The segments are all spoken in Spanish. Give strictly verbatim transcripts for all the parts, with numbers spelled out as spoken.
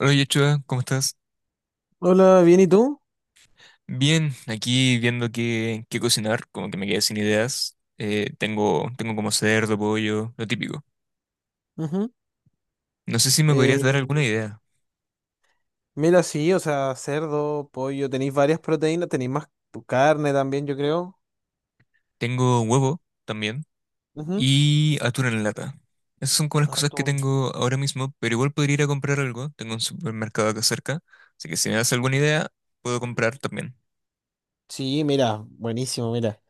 Hola Yechua, ¿cómo estás? Hola, bien, ¿y tú? Bien, aquí viendo qué, qué cocinar, como que me quedé sin ideas. Eh, tengo, tengo como cerdo, pollo, lo típico. Ujú. No sé si me podrías Eh, dar alguna idea. Mira, sí, o sea, cerdo, pollo, tenéis varias proteínas, tenéis más tu carne también, yo creo. Tengo huevo también Ujú. y atún en lata. Esas son como las cosas que Atún. tengo ahora mismo, pero igual podría ir a comprar algo. Tengo un supermercado acá cerca, así que si me das alguna idea, puedo comprar también. Sí, mira, buenísimo, mira.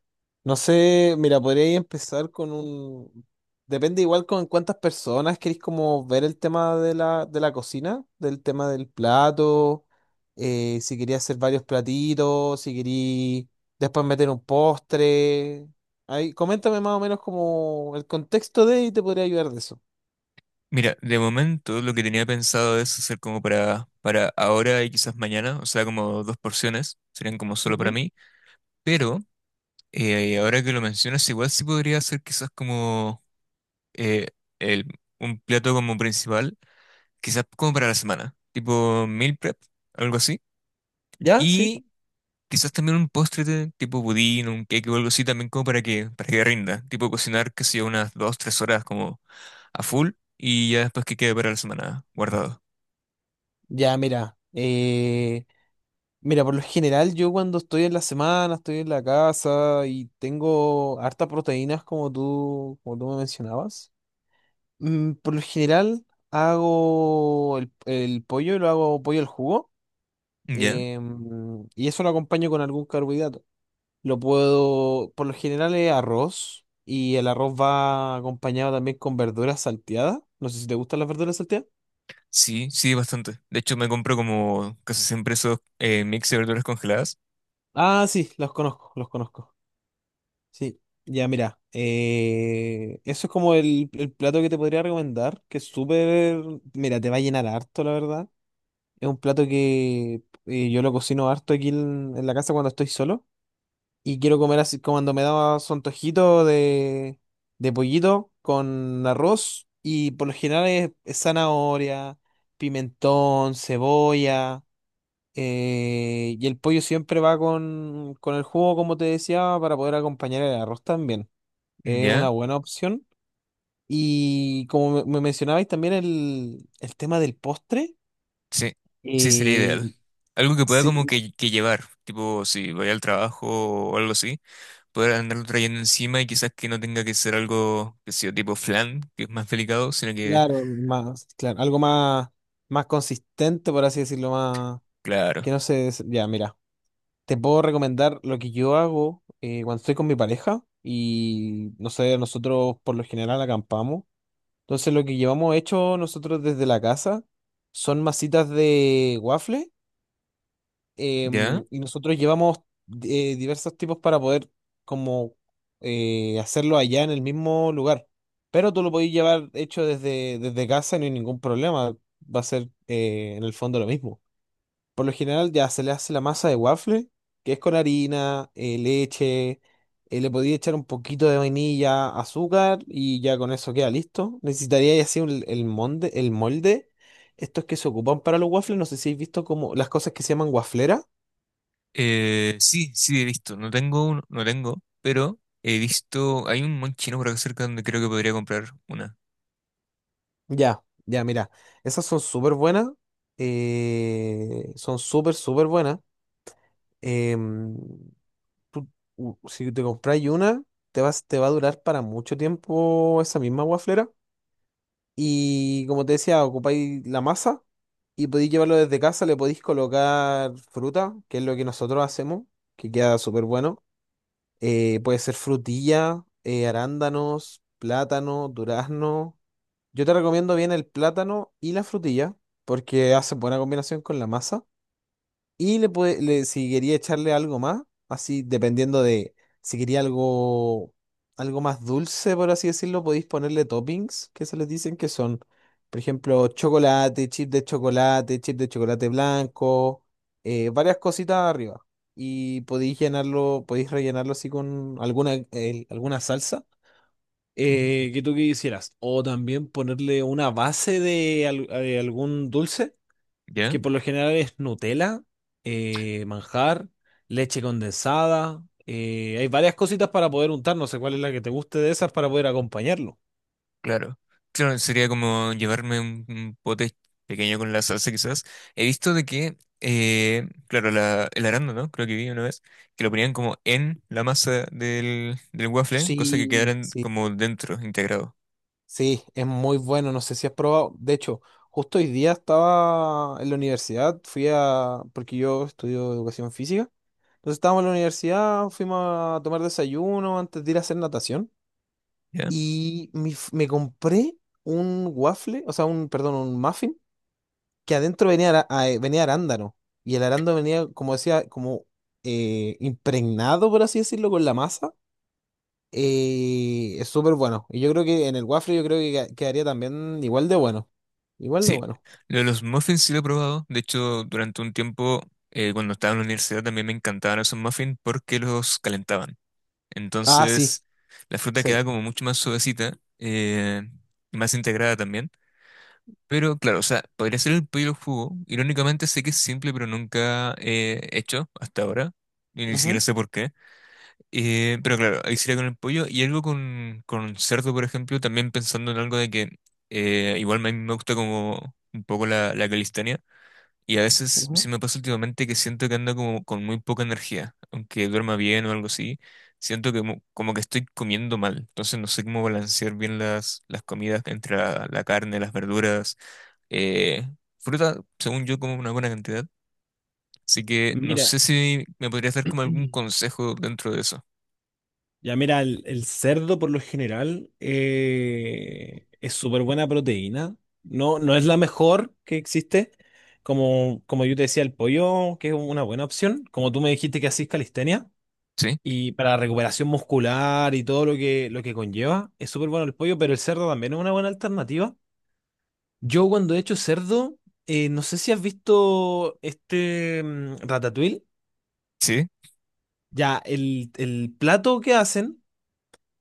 No sé, mira, podría empezar con un... Depende igual con cuántas personas queréis como ver el tema de la, de la cocina, del tema del plato, eh, si quería hacer varios platitos, si quería después meter un postre. Ahí, coméntame más o menos como el contexto de y te podría ayudar de eso. Mira, de momento lo que tenía pensado es hacer como para, para ahora y quizás mañana, o sea, como dos porciones, serían como solo para Ujú. mí. Pero Eh, ahora que lo mencionas, igual sí podría ser quizás como eh, el- un plato como principal, quizás como para la semana, tipo meal prep, algo así. ¿Ya? Sí. Y quizás también un postre de- tipo budín, un cake o algo así, también como para que, para que rinda. Tipo cocinar, que sea unas dos, tres horas como a full y ya después que quede para la semana guardado. Ya, mira, eh, Mira, por lo general yo cuando estoy en la semana, estoy en la casa y tengo hartas proteínas como tú, como tú me mencionabas, mm, por lo general hago el, el pollo, lo hago pollo al jugo, ¿Ya? em, y eso lo acompaño con algún carbohidrato. Lo puedo, por lo general es arroz y el arroz va acompañado también con verduras salteadas. No sé si te gustan las verduras salteadas. Sí, sí, bastante. De hecho, me compro como casi siempre esos eh, mix de verduras congeladas. Ah, sí, los conozco, los conozco. Sí, ya mira, eh, eso es como el, el plato que te podría recomendar, que es súper, mira, te va a llenar harto, la verdad. Es un plato que eh, yo lo cocino harto aquí en, en la casa cuando estoy solo y quiero comer así como cuando me da su antojito de, de pollito con arroz, y por lo general es, es zanahoria, pimentón, cebolla. Eh, y el pollo siempre va con, con el jugo, como te decía, para poder acompañar el arroz también. Es ¿Ya? una buena opción. Y como me, me mencionabais también el, el tema del postre, Sí, sí sería eh, ideal. Algo que pueda sí, como me- que, que llevar, tipo si voy al trabajo o algo así, poder andarlo trayendo encima y quizás que no tenga que ser algo que sea tipo flan, que es más delicado, sino que, claro, más, claro, algo más, más consistente, por así decirlo, más claro, que no sé des- Ya, mira, te puedo recomendar lo que yo hago eh, cuando estoy con mi pareja y, no sé, nosotros por lo general acampamos. Entonces lo que llevamos hecho nosotros desde la casa son masitas de waffle, ¿ya? em, y nosotros llevamos eh, diversos tipos para poder como eh, hacerlo allá en el mismo lugar. Pero tú lo podés llevar hecho desde, desde casa y no hay ningún problema. Va a ser eh, en el fondo lo mismo. Por lo general ya se le hace la masa de waffle, que es con harina, eh, leche, eh, le podía echar un poquito de vainilla, azúcar, y ya con eso queda listo. Necesitaría ya así un- el molde, el molde. Estos que se ocupan para los waffles, no sé si habéis visto como las cosas que se llaman wafleras. Eh, sí, sí he visto, no tengo uno, no tengo, pero he visto, hay un buen chino por acá cerca donde creo que podría comprar una, Ya, ya, mira, esas son súper buenas, eh, son súper, súper buenas. em, tú- u- si te compras una, te vas, te va a durar para mucho tiempo esa misma guaflera. Y como te decía, ocupáis la masa y podéis llevarlo desde casa, le podéis colocar fruta, que es lo que nosotros hacemos, que queda súper bueno. Eh, puede ser frutilla, eh, arándanos, plátano, durazno. Yo te recomiendo bien el plátano y la frutilla porque hace buena combinación con la masa. Y le, puede- le- si quería echarle algo más, así dependiendo de si quería algo, algo más dulce, por así decirlo, podéis ponerle toppings, que se les dicen, que son, por ejemplo, chocolate, chip de chocolate, chip de chocolate blanco, eh, varias cositas arriba. Y podéis llenarlo, podéis rellenarlo así con alguna, el- alguna salsa eh, que tú quisieras. O también ponerle una base de, al- de algún dulce que ¿ya? por lo general es Nutella, eh, manjar, leche condensada. Eh, hay varias cositas para poder untar, no sé cuál es la que te guste de esas para poder acompañarlo. Claro, claro, sería como llevarme un, un pote pequeño con la salsa quizás. He visto de que, eh, claro, la, el arándano, creo que vi una vez, que lo ponían como en la masa del, del waffle, cosa que Sí, quedaran sí, como dentro, integrado, sí, es muy bueno, no sé si has probado. De hecho, justo hoy día estaba en la universidad, fui a, porque yo estudio educación física, entonces estábamos en la universidad, fuimos a tomar desayuno antes de ir a hacer natación ¿ya? y me, f- me compré un waffle, o sea, un, perdón, un muffin, que adentro venía, ara- ah, eh, venía arándano. Y el arándano venía, como decía, como eh, impregnado, por así decirlo, con la masa. Eh, es súper bueno. Y yo creo que en el waffle yo creo que queda- quedaría también igual de bueno. Igual de Sí, bueno. lo de los muffins sí lo he probado, de hecho durante un tiempo, eh, cuando estaba en la universidad también me encantaban esos muffins porque los calentaban. Ah, sí. Entonces, la fruta Sí. queda como mucho más suavecita, eh, y más integrada también. Pero claro, o sea, podría ser el pollo al jugo. Irónicamente sé que es simple, pero nunca he hecho hasta ahora. Y ni siquiera Ujú, sé por qué. Eh, pero claro, ahí sería con el pollo. Y algo con, con cerdo, por ejemplo, también pensando en algo de que eh, igual me, me gusta como un poco la, la calistenia. Y a veces sí ujú. me pasa últimamente que siento que ando como con muy poca energía. Aunque duerma bien o algo así, siento que mo- como que estoy comiendo mal. Entonces no sé cómo balancear bien las, las comidas entre la la carne, las verduras eh, fruta, según yo, como una buena cantidad. Así que no sé Mira. si me podrías dar como algún consejo dentro de eso. Ya mira, el, el cerdo por lo general eh, es súper buena proteína. No, no es la mejor que existe. Como, como yo te decía, el pollo, que es una buena opción. Como tú me dijiste que hacís calistenia. ¿Sí? Y para la recuperación muscular y todo lo que, lo que conlleva, es súper bueno el pollo, pero el cerdo también es una buena alternativa. Yo cuando he hecho cerdo, eh, no sé si has visto este mm, ratatouille. ¿Sí? Ya, el, el plato que hacen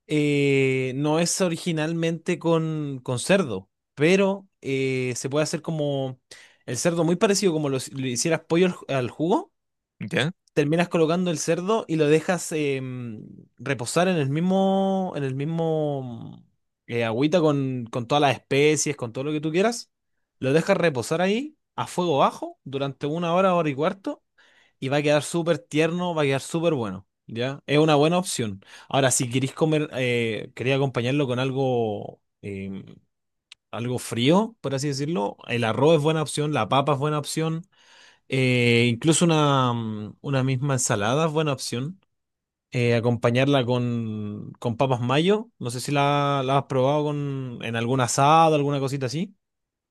eh, no es originalmente con, con cerdo, pero eh, se puede hacer como el cerdo muy parecido como lo, lo hicieras pollo al, ju- al jugo. ¿Ya? Terminas colocando el cerdo y lo dejas em, reposar en el mismo, en el mismo eh, agüita con, con todas las especies, con todo lo que tú quieras. Lo dejas reposar ahí a fuego bajo durante una hora, hora y cuarto, y va a quedar súper tierno, va a quedar súper bueno, ¿ya? Es una buena opción. Ahora, si queréis comer, eh, quería acompañarlo con algo, eh, algo frío, por así decirlo, el arroz es buena opción, la papa es buena opción, eh, incluso una, mm, una misma ensalada es buena opción. Eh, acompañarla con, con papas mayo, no sé si la, la has probado con, en algún asado, alguna cosita así.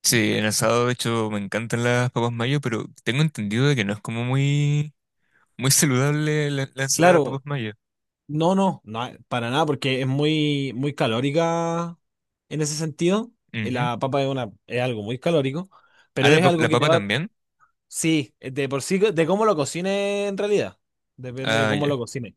Sí, en asado, de hecho, me encantan las papas mayo, pero tengo entendido de que no es como muy, muy saludable la, la ensalada de papas Claro, mayo. no, no, no, para nada, porque es muy, muy calórica en ese sentido. Eh, Ujú. La papa es una, es algo muy calórico, Ah, pero la, es pap- algo la que te papa va, también. sí, eh, de por sí, de cómo lo cocines en realidad. Depende de Ah, cómo lo ya. cocines.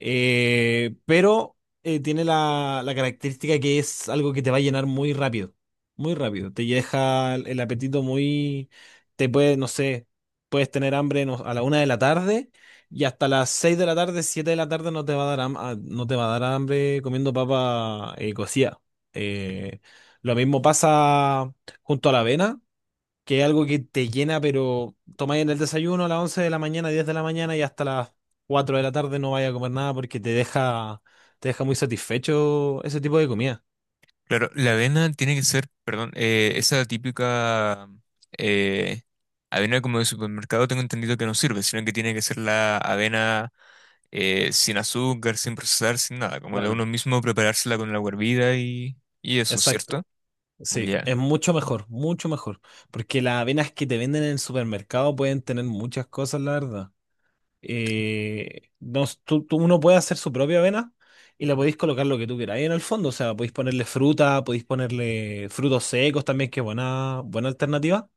Eh, pero eh, Tiene la, la característica que es algo que te va a llenar muy rápido, muy rápido. Te deja el el apetito muy, te puede, no sé, puedes tener hambre no- a la una de la tarde y hasta las seis de la tarde, siete de la tarde no te va a dar, ham- ah, no te va a dar hambre comiendo papa eh, cocida. Eh, lo mismo pasa junto a la avena, que es algo que te llena, pero tomáis en el desayuno a las once de la mañana, diez de la mañana, y hasta las cuatro de la tarde no vaya a comer nada, porque te deja, te deja muy satisfecho ese tipo de comida. Claro, la avena tiene que ser, perdón, eh, esa típica eh, avena como de supermercado tengo entendido que no sirve, sino que tiene que ser la avena eh, sin azúcar, sin procesar, sin nada, como de Claro. uno mismo preparársela con la hervida y, y eso, ¿cierto? Exacto. Sí, Ya, es mucho mejor, mucho mejor. Porque las avenas que te venden en el supermercado pueden tener muchas cosas, la verdad. Eh, no, tú, tú- Uno puede hacer su propia avena y la podéis colocar lo que tú queráis en el fondo. O sea, podéis ponerle fruta, podéis ponerle frutos secos también, que es buena, buena alternativa.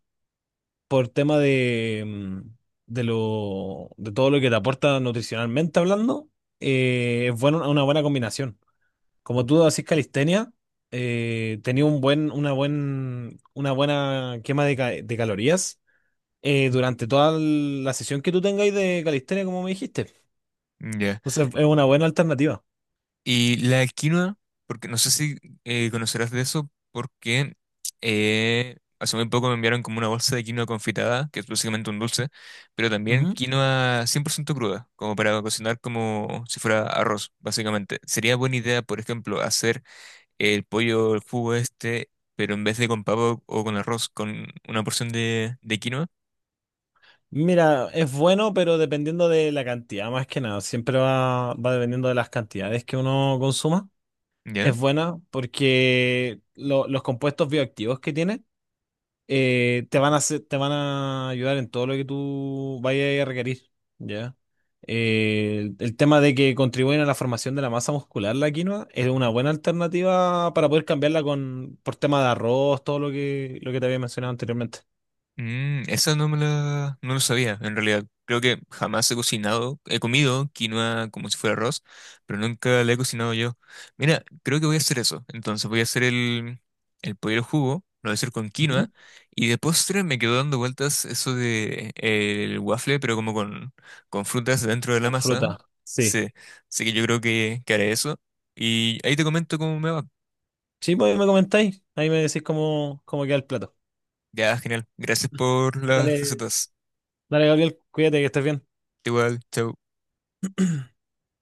Por tema de, mm, de lo, de todo lo que te aporta nutricionalmente hablando, eh, es bueno, una buena combinación. Como tú haces calistenia, eh, tenía un buen, una buen, una buena quema de, ca- de calorías eh, durante toda la sesión que tú tengáis de calistenia, como me dijiste. ya. Entonces es una buena alternativa. Y la quinoa, porque no sé si eh, conocerás de eso, porque eh, hace muy poco me enviaron como una bolsa de quinoa confitada, que es básicamente un dulce, pero también Ujú. quinoa cien por ciento cruda, como para cocinar como si fuera arroz, básicamente. Sería buena idea, por ejemplo, hacer el pollo, el jugo este, pero en vez de con pavo o con arroz, con una porción de, de quinoa, Mira, es bueno, pero dependiendo de la cantidad, más que nada, siempre va, va dependiendo de las cantidades que uno consuma. ¿ya? Es buena porque lo- los compuestos bioactivos que tiene eh, te van a hacer- te van a ayudar en todo lo que tú vayas a requerir, ¿ya? Eh, el, el tema de que contribuyen a la formación de la masa muscular, la quinoa, es una buena alternativa para poder cambiarla con, por tema de arroz, todo lo que, lo que te había mencionado anteriormente. Mm, esa no me la, no lo sabía, en realidad. Creo que jamás he cocinado, he comido quinoa como si fuera arroz, pero nunca la he cocinado yo. Mira, creo que voy a hacer eso. Entonces voy a hacer el, el pollo al jugo, lo voy a hacer con quinoa, Ujú. y de postre me quedó dando vueltas eso de eh, el waffle, pero como con, con frutas dentro de la O masa. fruta, sí. Sí, así que yo creo que, que haré eso. Y ahí te comento cómo me va. Sí, pues ahí me comentáis, ahí me decís cómo, cómo queda el plato. Ya, genial. Gracias por las Dale, recetas. dale, Gabriel, cuídate, que estés bien. Igual, chao.